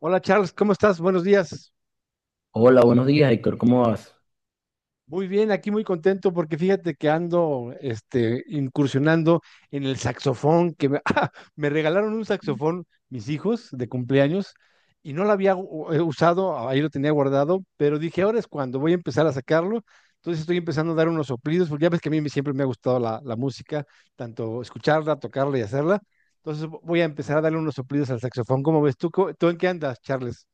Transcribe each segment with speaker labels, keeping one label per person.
Speaker 1: Hola Charles, ¿cómo estás? Buenos días.
Speaker 2: Hola, buenos días, Héctor, ¿cómo vas?
Speaker 1: Muy bien, aquí muy contento porque fíjate que ando incursionando en el saxofón, ¡Ah! Me regalaron un saxofón mis hijos de cumpleaños y no lo había usado, ahí lo tenía guardado, pero dije, ahora es cuando voy a empezar a sacarlo. Entonces estoy empezando a dar unos soplidos, porque ya ves que a siempre me ha gustado la música, tanto escucharla, tocarla y hacerla. Entonces voy a empezar a darle unos soplidos al saxofón. ¿Cómo ves tú? ¿Tú en qué andas, Charles?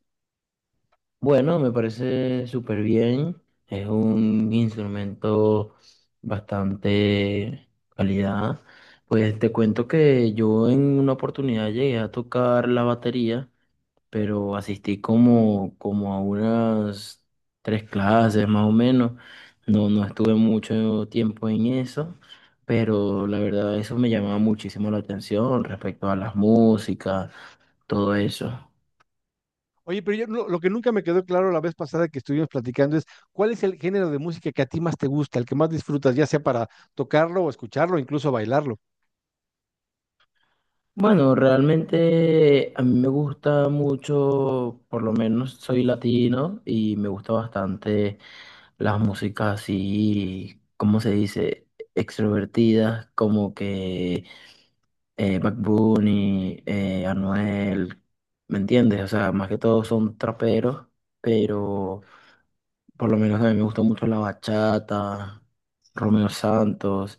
Speaker 2: Bueno, me parece súper bien. Es un instrumento bastante calidad. Pues te cuento que yo en una oportunidad llegué a tocar la batería, pero asistí como a unas tres clases más o menos. No estuve mucho tiempo en eso, pero la verdad eso me llamaba muchísimo la atención respecto a las músicas, todo eso.
Speaker 1: Oye, pero yo lo que nunca me quedó claro la vez pasada que estuvimos platicando es cuál es el género de música que a ti más te gusta, el que más disfrutas, ya sea para tocarlo o escucharlo, incluso bailarlo.
Speaker 2: Bueno, realmente a mí me gusta mucho, por lo menos soy latino y me gusta bastante las músicas así, ¿cómo se dice? Extrovertidas, como que Bad Bunny, Anuel, ¿me entiendes? O sea, más que todo son traperos, pero por lo menos a mí me gusta mucho la bachata, Romeo Santos,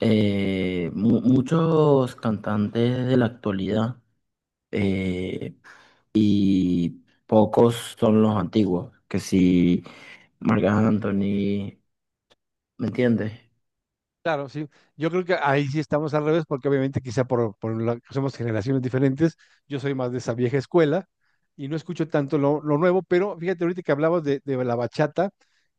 Speaker 2: muchos cantantes de la actualidad. Eh, y pocos son los antiguos, que si Marc Anthony, ¿me entiendes?
Speaker 1: Claro, sí. Yo creo que ahí sí estamos al revés, porque obviamente quizá somos generaciones diferentes. Yo soy más de esa vieja escuela y no escucho tanto lo nuevo, pero fíjate ahorita que hablabas de la bachata,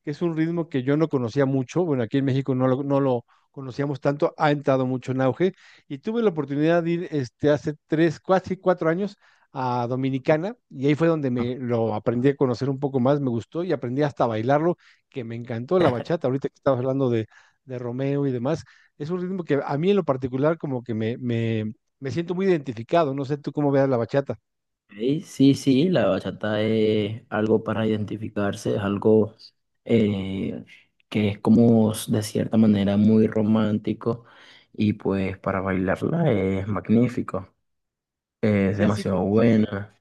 Speaker 1: que es un ritmo que yo no conocía mucho. Bueno, aquí en México no lo conocíamos tanto, ha entrado mucho en auge. Y tuve la oportunidad de ir hace tres, casi cuatro años a Dominicana y ahí fue donde me
Speaker 2: Ok.
Speaker 1: lo aprendí a conocer un poco más, me gustó y aprendí hasta a bailarlo, que me encantó la bachata. Ahorita que estabas hablando de Romeo y demás. Es un ritmo que a mí en lo particular como que me siento muy identificado, no sé tú cómo veas la bachata.
Speaker 2: Sí, sí, la bachata es algo para identificarse, es algo eh, que es como de cierta manera muy romántico, y pues para bailarla es magnífico, es
Speaker 1: Sí, así
Speaker 2: demasiado
Speaker 1: como,
Speaker 2: buena.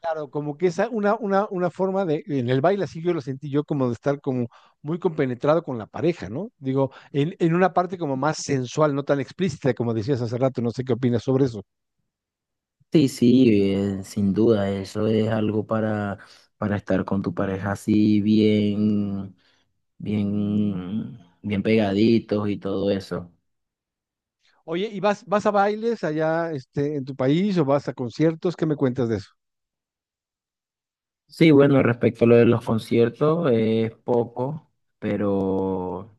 Speaker 1: claro, como que es una forma de, en el baile así yo lo sentí yo como de estar como muy compenetrado con la pareja, ¿no? Digo, en una parte como más sensual, no tan explícita como decías hace rato, no sé qué opinas sobre eso.
Speaker 2: Sí, sí, sin duda, eso es algo para estar con tu pareja así bien pegaditos y todo eso.
Speaker 1: Oye, ¿y vas a bailes allá en tu país o vas a conciertos? ¿Qué me cuentas de eso?
Speaker 2: Sí, bueno, respecto a lo de los conciertos, es poco, pero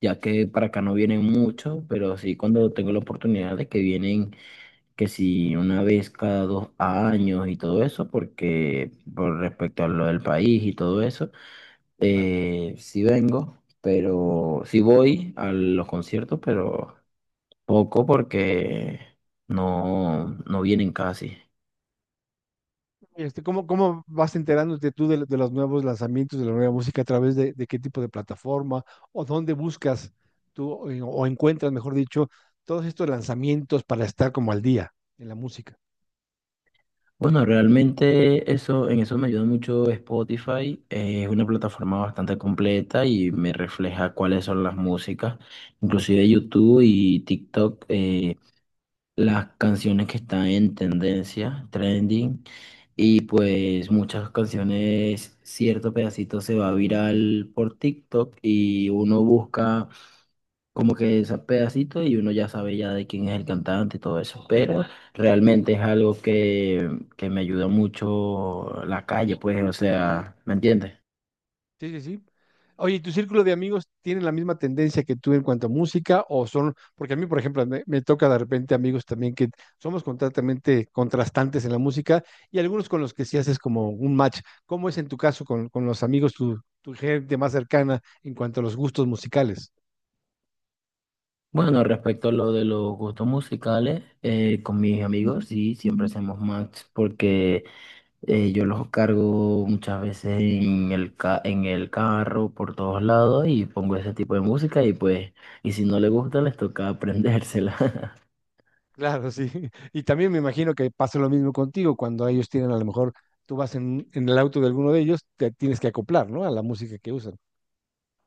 Speaker 2: ya que para acá no vienen muchos, pero sí cuando tengo la oportunidad de que vienen, que si una vez cada dos años y todo eso, porque por respecto a lo del país y todo eso,
Speaker 1: Claro.
Speaker 2: sí vengo, pero sí voy a los conciertos, pero poco porque no vienen casi.
Speaker 1: Este, cómo vas enterándote tú de los nuevos lanzamientos, de la nueva música, a través de qué tipo de plataforma o dónde buscas tú o encuentras, mejor dicho, todos estos lanzamientos para estar como al día en la música?
Speaker 2: Bueno, realmente eso, en eso me ayuda mucho Spotify. Eh, es una plataforma bastante completa y me refleja cuáles son las músicas, inclusive YouTube y TikTok, las canciones que están en tendencia, trending, y pues muchas canciones, cierto pedacito se va viral por TikTok y uno busca como que esa pedacito y uno ya sabe ya de quién es el cantante y todo eso, pero realmente es algo que me ayuda mucho la calle, pues, o sea, ¿me entiendes?
Speaker 1: Sí, sí, sí. Oye, ¿y ¿tu círculo de amigos tienen la misma tendencia que tú en cuanto a música o son, porque a mí, por ejemplo, me toca de repente amigos también que somos completamente contrastantes en la música y algunos con los que sí haces como un match. ¿Cómo es en tu caso con los amigos, tu gente más cercana en cuanto a los gustos musicales?
Speaker 2: Bueno, respecto a lo de los gustos musicales, con mis amigos sí, siempre hacemos match porque yo los cargo muchas veces en el en el carro por todos lados y pongo ese tipo de música y pues, y si no les gusta les toca aprendérsela.
Speaker 1: Claro, sí. Y también me imagino que pasa lo mismo contigo cuando ellos tienen a lo mejor, tú vas en el auto de alguno de ellos, te tienes que acoplar, ¿no? A la música que usan.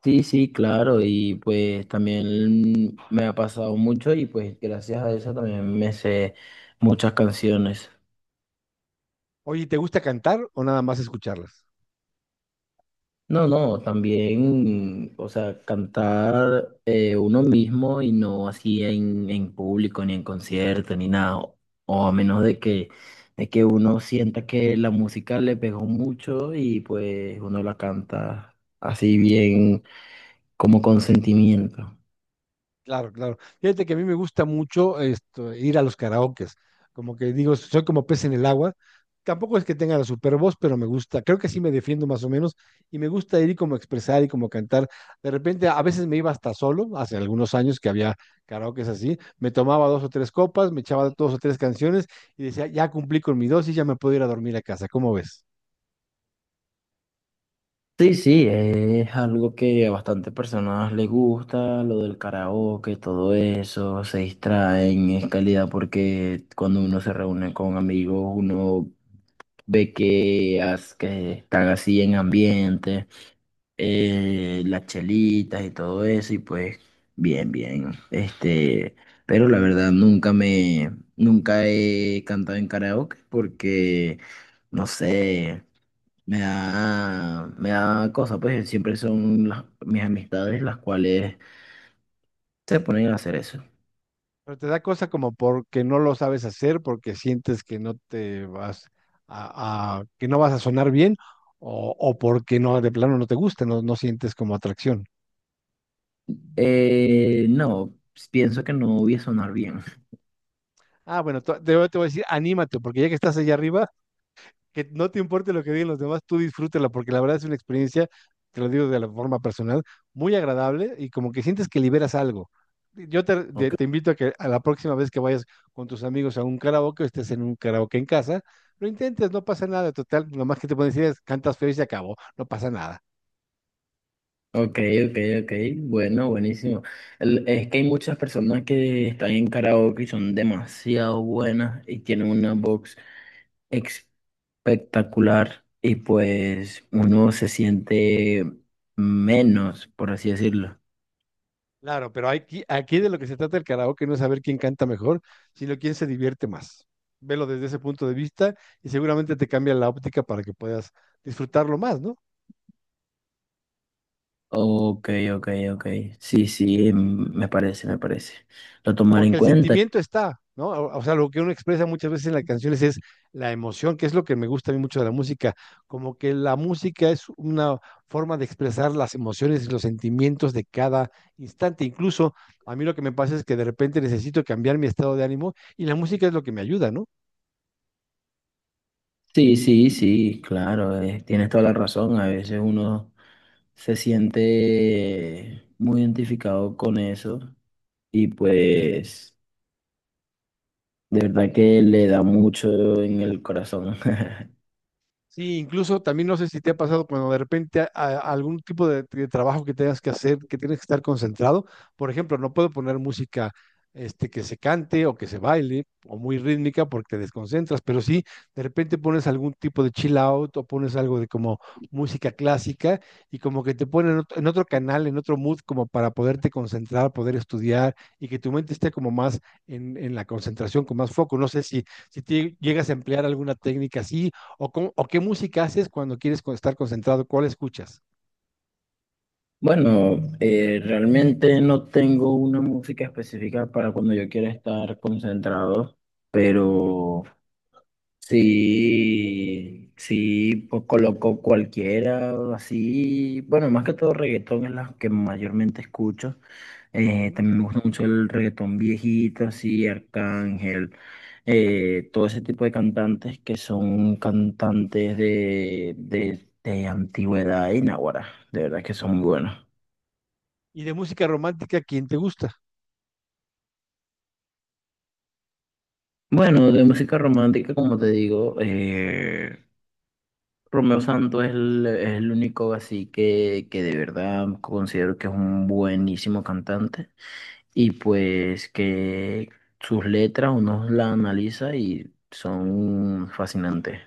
Speaker 2: Sí, sí, claro, y pues también me ha pasado mucho y pues gracias a eso también me sé muchas canciones.
Speaker 1: Oye, ¿te gusta cantar o nada más escucharlas?
Speaker 2: No, no, también, o sea, cantar uno mismo y no así en público, ni en concierto, ni nada, o a menos de que uno sienta que la música le pegó mucho y pues uno la canta así bien, como con sentimiento.
Speaker 1: Claro, claro. Fíjate que a mí me gusta mucho esto, ir a los karaokes. Como que digo, soy como pez en el agua. Tampoco es que tenga la super voz, pero me gusta. Creo que sí me defiendo más o menos y me gusta ir y como expresar y como cantar. De repente, a veces me iba hasta solo, hace algunos años que había karaokes así. Me tomaba dos o tres copas, me echaba dos o tres canciones y decía, ya cumplí con mi dosis, ya me puedo ir a dormir a casa. ¿Cómo ves?
Speaker 2: Sí, sí, es algo que a bastantes personas les gusta, lo del karaoke, todo eso, se distraen, es calidad porque cuando uno se reúne con amigos, uno ve que están así en ambiente, las chelitas y todo eso, y pues bien. Pero la verdad nunca he cantado en karaoke porque, no sé. Me da cosa, pues siempre son mis amistades las cuales se ponen a hacer eso.
Speaker 1: Pero te da cosa como porque no lo sabes hacer, porque sientes que no te vas a, que no vas a sonar bien, o porque no, de plano no te gusta, no, no sientes como atracción.
Speaker 2: No, pienso que no voy a sonar bien.
Speaker 1: Ah, bueno, voy te voy a decir, anímate, porque ya que estás allá arriba, que no te importe lo que digan los demás, tú disfrútela, porque la verdad es una experiencia, te lo digo de la forma personal, muy agradable y como que sientes que liberas algo. Yo
Speaker 2: Ok.
Speaker 1: te invito a que a la próxima vez que vayas con tus amigos a un karaoke o estés en un karaoke en casa, lo intentes, no pasa nada, total, lo más que te pueden decir es cantas feo y se acabó, no pasa nada.
Speaker 2: Ok, ok, ok, bueno, buenísimo. Es que hay muchas personas que están en karaoke y son demasiado buenas y tienen una voz espectacular y pues uno se siente menos, por así decirlo.
Speaker 1: Claro, pero aquí de lo que se trata el karaoke no es saber quién canta mejor, sino quién se divierte más. Velo desde ese punto de vista y seguramente te cambia la óptica para que puedas disfrutarlo más, ¿no?
Speaker 2: Ok, ok, ok. Sí, sí, me parece, me parece. Lo tomaré en
Speaker 1: Porque el
Speaker 2: cuenta.
Speaker 1: sentimiento está, ¿no? O sea, lo que uno expresa muchas veces en las canciones es la emoción, que es lo que me gusta a mí mucho de la música, como que la música es una forma de expresar las emociones y los sentimientos de cada instante. Incluso a mí lo que me pasa es que de repente necesito cambiar mi estado de ánimo y la música es lo que me ayuda, ¿no?
Speaker 2: Sí, sí, sí, claro, tienes toda la razón. A veces uno se siente muy identificado con eso y pues de verdad que le da mucho en el corazón.
Speaker 1: Sí, incluso también no sé si te ha pasado cuando de repente algún tipo de trabajo que tengas que hacer, que tienes que estar concentrado. Por ejemplo, no puedo poner música que se cante o que se baile o muy rítmica porque te desconcentras, pero sí, de repente pones algún tipo de chill out o pones algo de como música clásica y como que te ponen en otro canal, en otro mood, como para poderte concentrar, poder estudiar y que tu mente esté como más en la concentración, con más foco. No sé si, si te llegas a emplear alguna técnica así ¿O, o qué música haces cuando quieres estar concentrado? ¿Cuál escuchas?
Speaker 2: Bueno, realmente no tengo una música específica para cuando yo quiera estar concentrado, pero... Sí, sí, pues coloco cualquiera, así, bueno, más que todo reggaetón es la que mayormente escucho.
Speaker 1: Ujú.
Speaker 2: También me gusta mucho el reggaetón viejito, así, Arcángel, todo ese tipo de cantantes que son cantantes de antigüedad y náguara, de verdad que son muy buenos.
Speaker 1: Y de música romántica, ¿quién te gusta?
Speaker 2: Bueno, de música romántica, como te digo, Romeo Santos es es el único así que de verdad considero que es un buenísimo cantante y pues que sus letras uno las analiza y son fascinantes.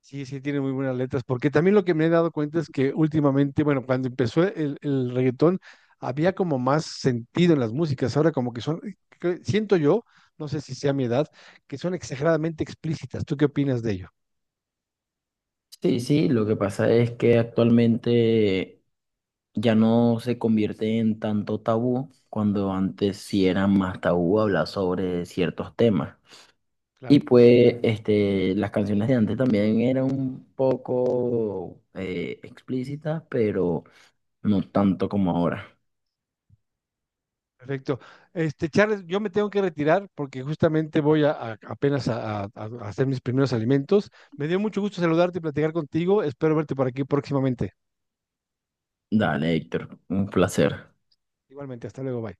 Speaker 1: Sí, sí, tiene muy buenas letras, porque también lo que me he dado cuenta es que últimamente, bueno, cuando empezó el reggaetón, había como más sentido en las músicas, ahora como que son, que siento yo, no sé si sea mi edad, que son exageradamente explícitas. ¿Tú qué opinas de ello?
Speaker 2: Sí, sí, lo que pasa es que actualmente ya no se convierte en tanto tabú cuando antes sí era más tabú hablar sobre ciertos temas. Y
Speaker 1: Claro.
Speaker 2: pues este, las canciones de antes también eran un poco explícitas, pero no tanto como ahora.
Speaker 1: Perfecto. Este, Charles, yo me tengo que retirar porque justamente voy apenas a hacer mis primeros alimentos. Me dio mucho gusto saludarte y platicar contigo. Espero verte por aquí próximamente.
Speaker 2: Dale, Héctor, un placer.
Speaker 1: Igualmente, hasta luego, bye.